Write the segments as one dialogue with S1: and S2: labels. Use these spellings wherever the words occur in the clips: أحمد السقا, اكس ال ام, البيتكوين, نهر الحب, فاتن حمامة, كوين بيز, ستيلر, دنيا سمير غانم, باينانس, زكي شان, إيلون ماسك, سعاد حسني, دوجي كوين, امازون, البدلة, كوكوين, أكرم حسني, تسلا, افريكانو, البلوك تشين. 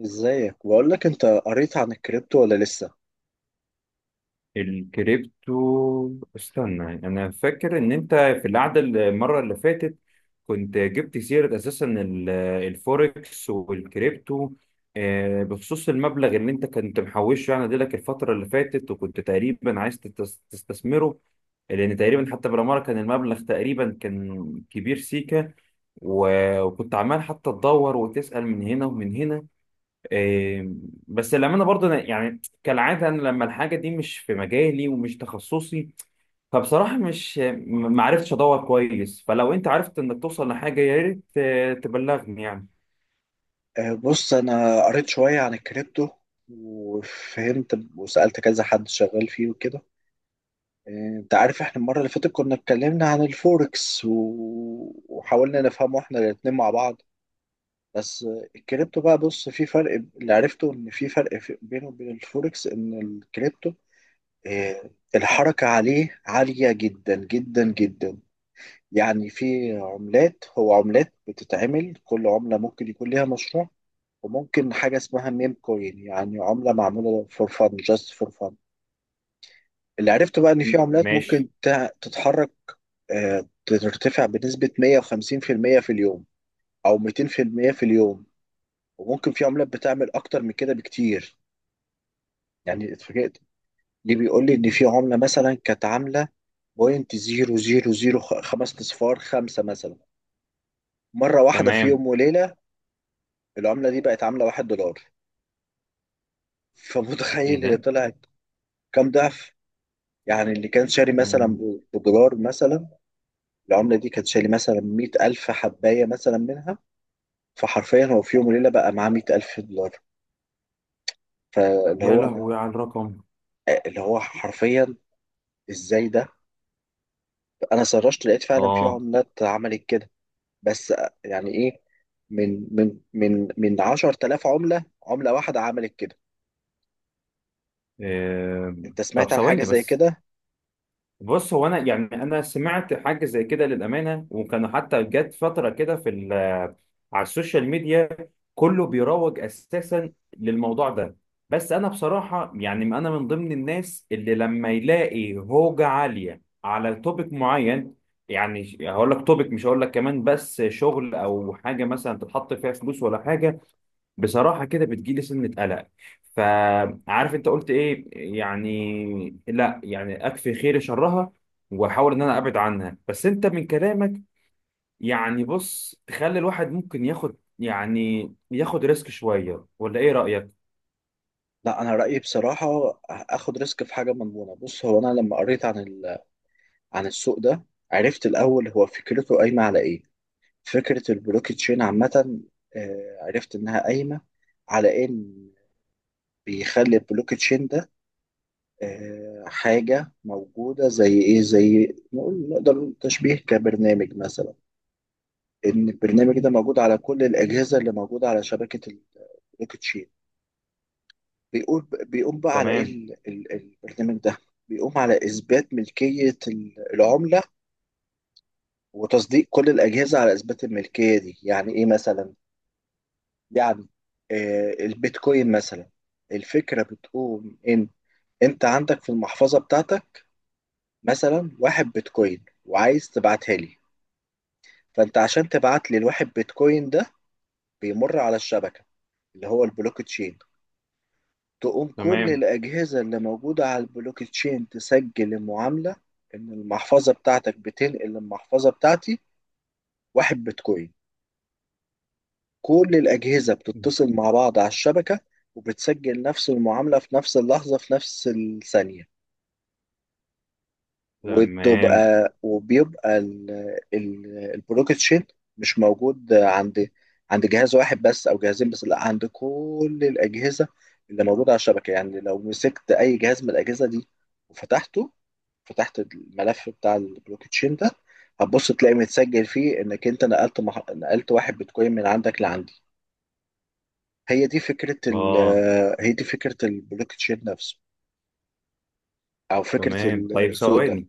S1: ازيك؟ بقول لك انت قريت عن الكريبتو ولا لسه؟
S2: الكريبتو، استنى. انا فاكر ان انت في القعده المره اللي فاتت كنت جبت سيره اساسا الفوركس والكريبتو. بخصوص المبلغ اللي انت كنت محوشه يعني لك الفتره اللي فاتت وكنت تقريبا عايز تستثمره، لان تقريبا حتى بالعماره كان المبلغ تقريبا كان كبير سيكا. و- وكنت عمال حتى تدور وتسال من هنا ومن هنا. إيه، بس للأمانة برضه أنا يعني كالعادة أنا لما الحاجة دي مش في مجالي ومش تخصصي، فبصراحة مش م- ما عرفتش أدور كويس، فلو أنت عرفت إنك توصل لحاجة يا ريت تبلغني يعني.
S1: بص، انا قريت شوية عن الكريبتو وفهمت وسألت كذا حد شغال فيه وكده. أه انت عارف احنا المرة اللي فاتت كنا اتكلمنا عن الفوركس وحاولنا نفهمه احنا الاتنين مع بعض. بس الكريبتو بقى، بص في فرق. اللي عرفته ان في فرق بينه وبين الفوركس ان الكريبتو، الحركة عليه عالية جدا جدا جدا. يعني في عملات، هو عملات بتتعمل كل عملة ممكن يكون ليها مشروع، وممكن حاجة اسمها ميم كوين، يعني عملة معمولة فور فن، جاست فور فن. اللي عرفته بقى إن في عملات ممكن
S2: ماشي.
S1: تتحرك، ترتفع بنسبة 150% في المية في اليوم أو 200% في المية في اليوم. وممكن في عملات بتعمل أكتر من كده بكتير. يعني اتفاجئت، ليه بيقول لي إن في عملة مثلا كانت عاملة بوينت زيرو زيرو زيرو، خمس أصفار، خمسة مثلا، مرة واحدة في
S2: تمام.
S1: يوم وليلة العملة دي بقت عاملة واحد دولار.
S2: إيه
S1: فمتخيل هي
S2: ده؟
S1: طلعت كام ضعف؟ يعني اللي كان شاري مثلا
S2: أم،
S1: بدولار مثلا، العملة دي كانت شاري مثلا مية ألف حباية مثلا منها، فحرفيا هو في يوم وليلة بقى معاه مية ألف دولار. فاللي
S2: يا
S1: هو
S2: لهوي
S1: أنا،
S2: على الرقم.
S1: اللي هو حرفيا، إزاي ده؟ أنا سرشت لقيت فعلا في
S2: آه.
S1: عملات عملت كده، بس يعني إيه؟ من 10,000 عملة، عملة واحدة عملت كده.
S2: إيه،
S1: أنت
S2: طب
S1: سمعت عن حاجة
S2: ثواني
S1: زي
S2: بس.
S1: كده؟
S2: بص هو انا يعني انا سمعت حاجه زي كده للامانه، وكانوا حتى جت فتره كده في على السوشيال ميديا كله بيروج اساسا للموضوع ده. بس انا بصراحه يعني انا من ضمن الناس اللي لما يلاقي هوجه عاليه على توبيك معين، يعني هقول لك توبيك، مش هقول لك كمان بس شغل او حاجه مثلا تتحط فيها فلوس ولا حاجه، بصراحة كده بتجيلي سنة قلق. فعارف انت قلت ايه؟ يعني لا، يعني اكفي خير شرها واحاول ان انا ابعد عنها. بس انت من كلامك يعني، بص، تخلي الواحد ممكن ياخد يعني ياخد ريسك شوية، ولا ايه رأيك؟
S1: لا، انا رايي بصراحه اخد ريسك في حاجه مضمونه. بص، هو انا لما قريت عن عن السوق ده، عرفت الاول هو فكرته قايمه على ايه. فكره البلوك تشين عامه، عرفت انها قايمه على ان بيخلي البلوك تشين ده، حاجه موجوده زي ايه، زي نقول، نقدر نقول تشبيه كبرنامج مثلا. ان البرنامج ده موجود على كل الاجهزه اللي موجوده على شبكه البلوك تشين. بيقول، بيقوم بقى على ايه
S2: تمام.
S1: البرنامج ده؟ بيقوم على اثبات ملكيه العمله، وتصديق كل الاجهزه على اثبات الملكيه دي. يعني ايه مثلا؟ يعني، آه البيتكوين مثلا، الفكره بتقوم ان انت عندك في المحفظه بتاعتك مثلا واحد بيتكوين وعايز تبعتها لي. فانت عشان تبعت لي الواحد بيتكوين ده، بيمر على الشبكه اللي هو البلوك تشين، تقوم كل
S2: تمام.
S1: الأجهزة اللي موجودة على البلوك تشين تسجل المعاملة إن المحفظة بتاعتك بتنقل المحفظة بتاعتي واحد بيتكوين. كل الأجهزة بتتصل مع بعض على الشبكة وبتسجل نفس المعاملة في نفس اللحظة في نفس الثانية.
S2: تمام.
S1: وتبقى، وبيبقى البلوك تشين مش موجود عند، عند جهاز واحد بس أو جهازين بس، لا، عند كل الأجهزة اللي موجودة على الشبكة. يعني لو مسكت أي جهاز من الأجهزة دي وفتحته، فتحت الملف بتاع البلوك تشين ده، هتبص تلاقي متسجل فيه انك انت نقلت واحد بيتكوين من عندك لعندي. هي دي فكره
S2: اه.
S1: هي دي فكره البلوك تشين نفسه، او فكره
S2: تمام، طيب
S1: السوق ده.
S2: ثواني.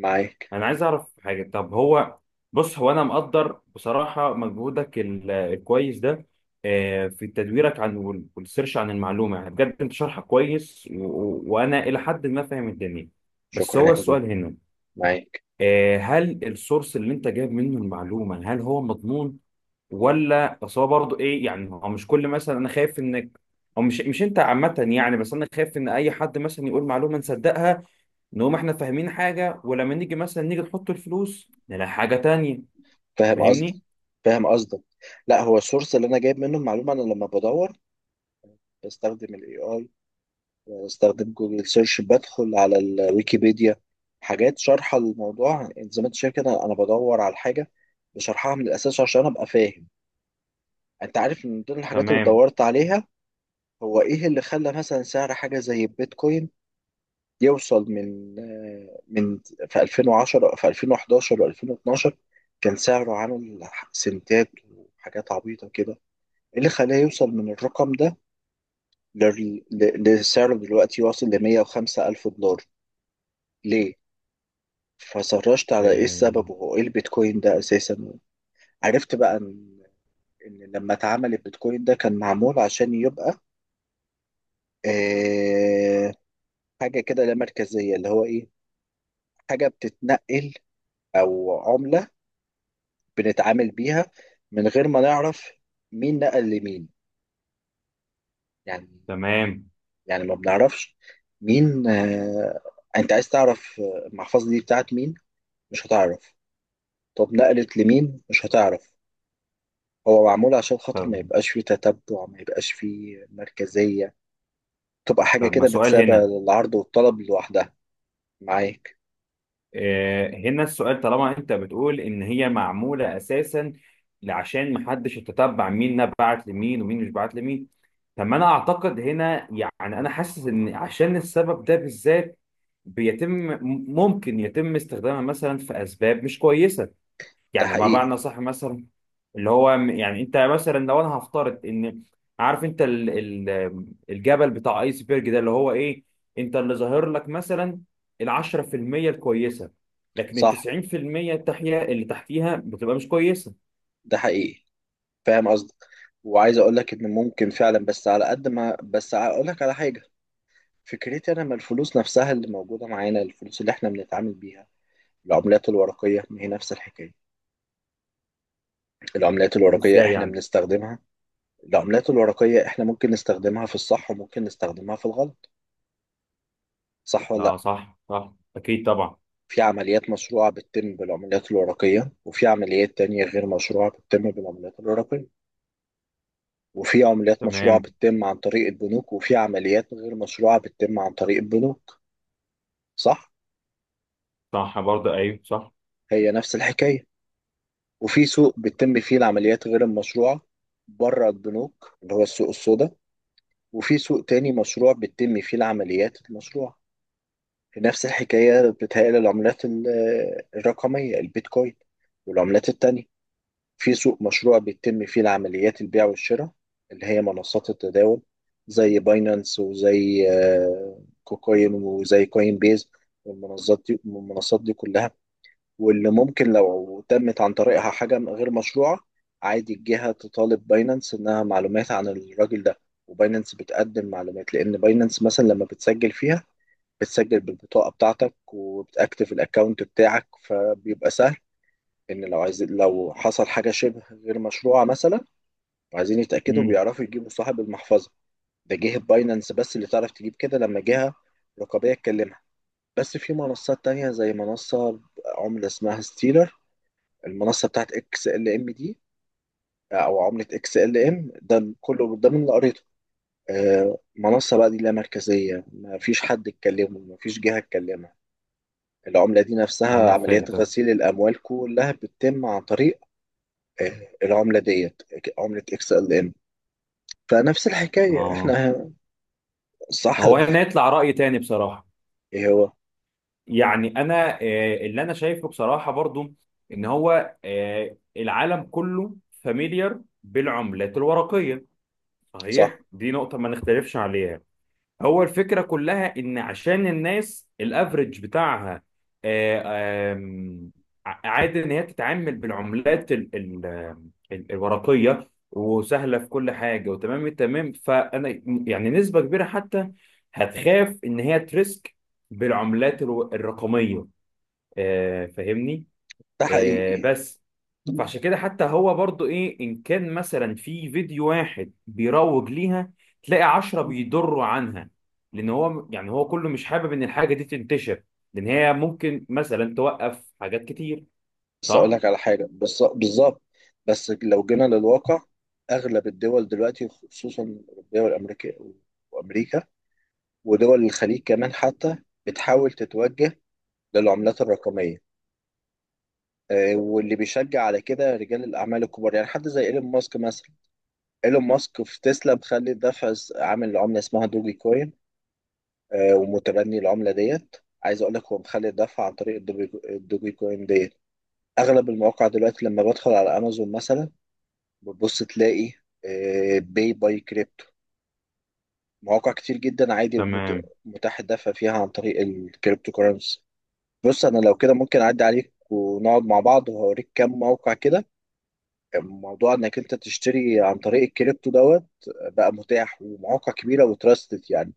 S1: معاك.
S2: انا عايز اعرف حاجه، طب هو بص، هو انا مقدر بصراحه مجهودك الكويس ده، في تدويرك عن وال- والسيرش عن المعلومه، يعني بجد انت شرحك كويس و- و- وانا الى حد ما فاهم الدنيا. بس
S1: شكرا يا
S2: هو
S1: حبيبي.
S2: السؤال هنا،
S1: معاك.
S2: هل السورس اللي انت جايب منه المعلومه هل هو مضمون، ولا اصل هو برضه ايه؟ يعني هو مش كل مثلا انا خايف انك، او مش انت عامه يعني، بس انا خايف ان اي حد مثلا يقول معلومه نصدقها، نقوم احنا فاهمين حاجة، ولما نيجي مثلا نحط الفلوس نلاقي حاجة تانية.
S1: فاهم قصدك،
S2: فاهمني؟
S1: فاهم قصدك. لا، هو السورس اللي انا جايب منه المعلومه، انا لما بدور بستخدم الاي اي، بستخدم جوجل سيرش، بدخل على الويكيبيديا، حاجات شارحة الموضوع. يعني زي ما انت شايف كده انا بدور على الحاجة بشرحها من الاساس عشان ابقى فاهم. انت عارف من ضمن الحاجات اللي
S2: تمام.
S1: دورت عليها هو ايه اللي خلى مثلا سعر حاجة زي البيتكوين يوصل من من، في 2010 في 2011 و2012 كان سعره عامل سنتات وحاجات عبيطة كده. ايه اللي خلاه يوصل من الرقم ده لسعره دلوقتي واصل ل 105 ألف دولار؟ ليه؟ فسرشت على ايه
S2: اه،
S1: السبب وهو ايه البيتكوين ده اساسا. عرفت بقى ان، ان لما اتعمل البيتكوين ده كان معمول عشان يبقى، آه حاجه كده لا مركزيه. اللي هو ايه؟ حاجه بتتنقل، او عمله بنتعامل بيها من غير ما نعرف مين نقل لمين، يعني.
S2: تمام.
S1: يعني ما بنعرفش مين. انت عايز تعرف المحفظه دي بتاعت مين؟ مش هتعرف. طب نقلت لمين؟ مش هتعرف. هو معمول عشان خاطر
S2: طب.
S1: ما يبقاش فيه تتبع، ما يبقاش فيه مركزية، تبقى حاجة
S2: ما
S1: كده
S2: سؤال
S1: متسابة
S2: هنا،
S1: للعرض والطلب لوحدها. معاك.
S2: اه هنا السؤال، طالما انت بتقول ان هي معمولة اساسا عشان محدش يتتبع مين نبعت لمين ومين مش بعت لمين، طب ما انا اعتقد هنا يعني انا حاسس ان عشان السبب ده بالذات بيتم، ممكن يتم استخدامها مثلا في اسباب مش كويسة.
S1: ده
S2: يعني ما
S1: حقيقي.
S2: معنى صح مثلا، اللي هو م- يعني انت مثلا، لو انا هفترض ان، عارف انت ال الجبل بتاع ايسبرج ده، اللي هو ايه، انت اللي ظاهر لك مثلا ال 10% الكويسه، لكن ال
S1: صح،
S2: 90% التحيه اللي تحتيها بتبقى مش كويسه.
S1: ده حقيقي، فاهم قصدك. وعايز اقول لك ان ممكن فعلا، بس على قد ما، بس اقول لك على حاجة. فكرتي انا، ما الفلوس نفسها اللي موجودة معانا، الفلوس اللي احنا بنتعامل بيها، العملات الورقية، ما هي نفس الحكاية. العملات الورقية
S2: ازاي
S1: احنا
S2: يعني؟
S1: بنستخدمها، العملات الورقية احنا ممكن نستخدمها في الصح وممكن نستخدمها في الغلط، صح
S2: اه
S1: ولا؟
S2: صح، صح، اكيد طبعا.
S1: في عمليات مشروعة بتتم بالعمليات الورقية، وفي عمليات تانية غير مشروعة بتتم بالعمليات الورقية، وفي عمليات مشروعة
S2: تمام.
S1: بتتم عن طريق البنوك، وفي عمليات غير مشروعة بتتم عن طريق البنوك، صح؟
S2: صح برضه، ايوه صح.
S1: هي نفس الحكاية. وفي سوق بتتم فيه العمليات غير المشروعة بره البنوك، اللي هو السوق السوداء، وفي سوق تاني مشروع بتتم فيه العمليات المشروعة. في نفس الحكاية بتهيألي العملات الرقمية، البيتكوين والعملات التانية، في سوق مشروع بيتم فيه العمليات البيع والشراء، اللي هي منصات التداول زي باينانس، وزي كوكوين، وزي كوين بيز والمنصات دي، والمنصات دي كلها. واللي ممكن لو تمت عن طريقها حاجة غير مشروعة، عادي الجهة تطالب باينانس إنها معلومات عن الراجل ده، وباينانس بتقدم معلومات، لأن باينانس مثلا لما بتسجل فيها بتسجل بالبطاقة بتاعتك وبتأكتف الأكاونت بتاعك، فبيبقى سهل ان لو عايز، لو حصل حاجه شبه غير مشروعه مثلا وعايزين يتاكدوا
S2: امم.
S1: بيعرفوا يجيبوا صاحب المحفظه. ده جهه باينانس بس اللي تعرف تجيب كده لما جهه رقابيه تكلمها. بس في منصات تانية زي منصه عمله اسمها ستيلر، المنصه بتاعت اكس ال ام دي، او عمله اكس ال ام، ده كله ده من اللي قريته. منصه بقى دي لا مركزيه، ما فيش حد يتكلمه، ما فيش جهه تكلمها. العمله دي نفسها
S2: انا
S1: عمليات
S2: فهمتك.
S1: غسيل الاموال كلها بتتم عن طريق، العملة ديت، عملة اكس ال ام. فنفس الحكاية
S2: اه،
S1: احنا، صح.
S2: هو هنا يطلع رأي تاني بصراحه.
S1: ايه هو؟
S2: يعني انا اللي انا شايفه بصراحه برضو ان هو، العالم كله فاميليار بالعملات الورقيه،
S1: صح،
S2: صحيح، دي نقطه ما نختلفش عليها. هو الفكره كلها ان عشان الناس الافريج بتاعها، آه، آم، عادي ان هي تتعامل بالعملات الورقيه وسهله في كل حاجه وتمام التمام، فانا يعني نسبه كبيره حتى هتخاف ان هي تريسك بالعملات الرقميه، فاهمني؟
S1: ده حقيقي يعني.
S2: بس فعشان كده حتى هو برضو ايه، ان كان مثلا في فيديو واحد بيروج ليها، تلاقي عشرة بيضروا عنها، لان هو يعني هو كله مش حابب ان الحاجة دي تنتشر، لان هي ممكن مثلا توقف حاجات كتير.
S1: بس اقول
S2: صح.
S1: لك على حاجة بالظبط. بس لو جينا للواقع، اغلب الدول دلوقتي خصوصا الاوروبية والامريكية، وامريكا ودول الخليج كمان حتى، بتحاول تتوجه للعملات الرقمية. واللي بيشجع على كده رجال الأعمال الكبار، يعني حد زي إيلون ماسك مثلا. إيلون ماسك في تسلا مخلي الدفع عامل عملة اسمها دوجي كوين، ومتبني العملة ديت. عايز اقول لك هو مخلي الدفع عن طريق الدوجي كوين ديت. اغلب المواقع دلوقتي لما بدخل على امازون مثلا، بتبص تلاقي، باي باي كريبتو. مواقع كتير جدا عادي
S2: تمام.
S1: متاح الدفع فيها عن طريق الكريبتو كورنسي. بص انا لو كده ممكن اعدي عليك ونقعد مع بعض وهوريك كام موقع كده، موضوع انك انت تشتري عن طريق الكريبتو دوت بقى متاح، ومواقع كبيرة وتراستد يعني.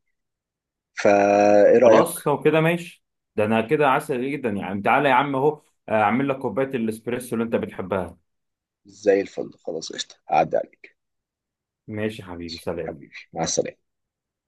S1: فايه رأيك؟
S2: خلاص لو كده ماشي. ده انا كده عسل جدا، يعني تعالى يا عم اهو، اعمل لك كوباية الاسبريسو اللي انت بتحبها.
S1: زي الفل، خلاص قشطة، هعدي عليك.
S2: ماشي يا حبيبي، سلام.
S1: حبيبي، مع السلامة.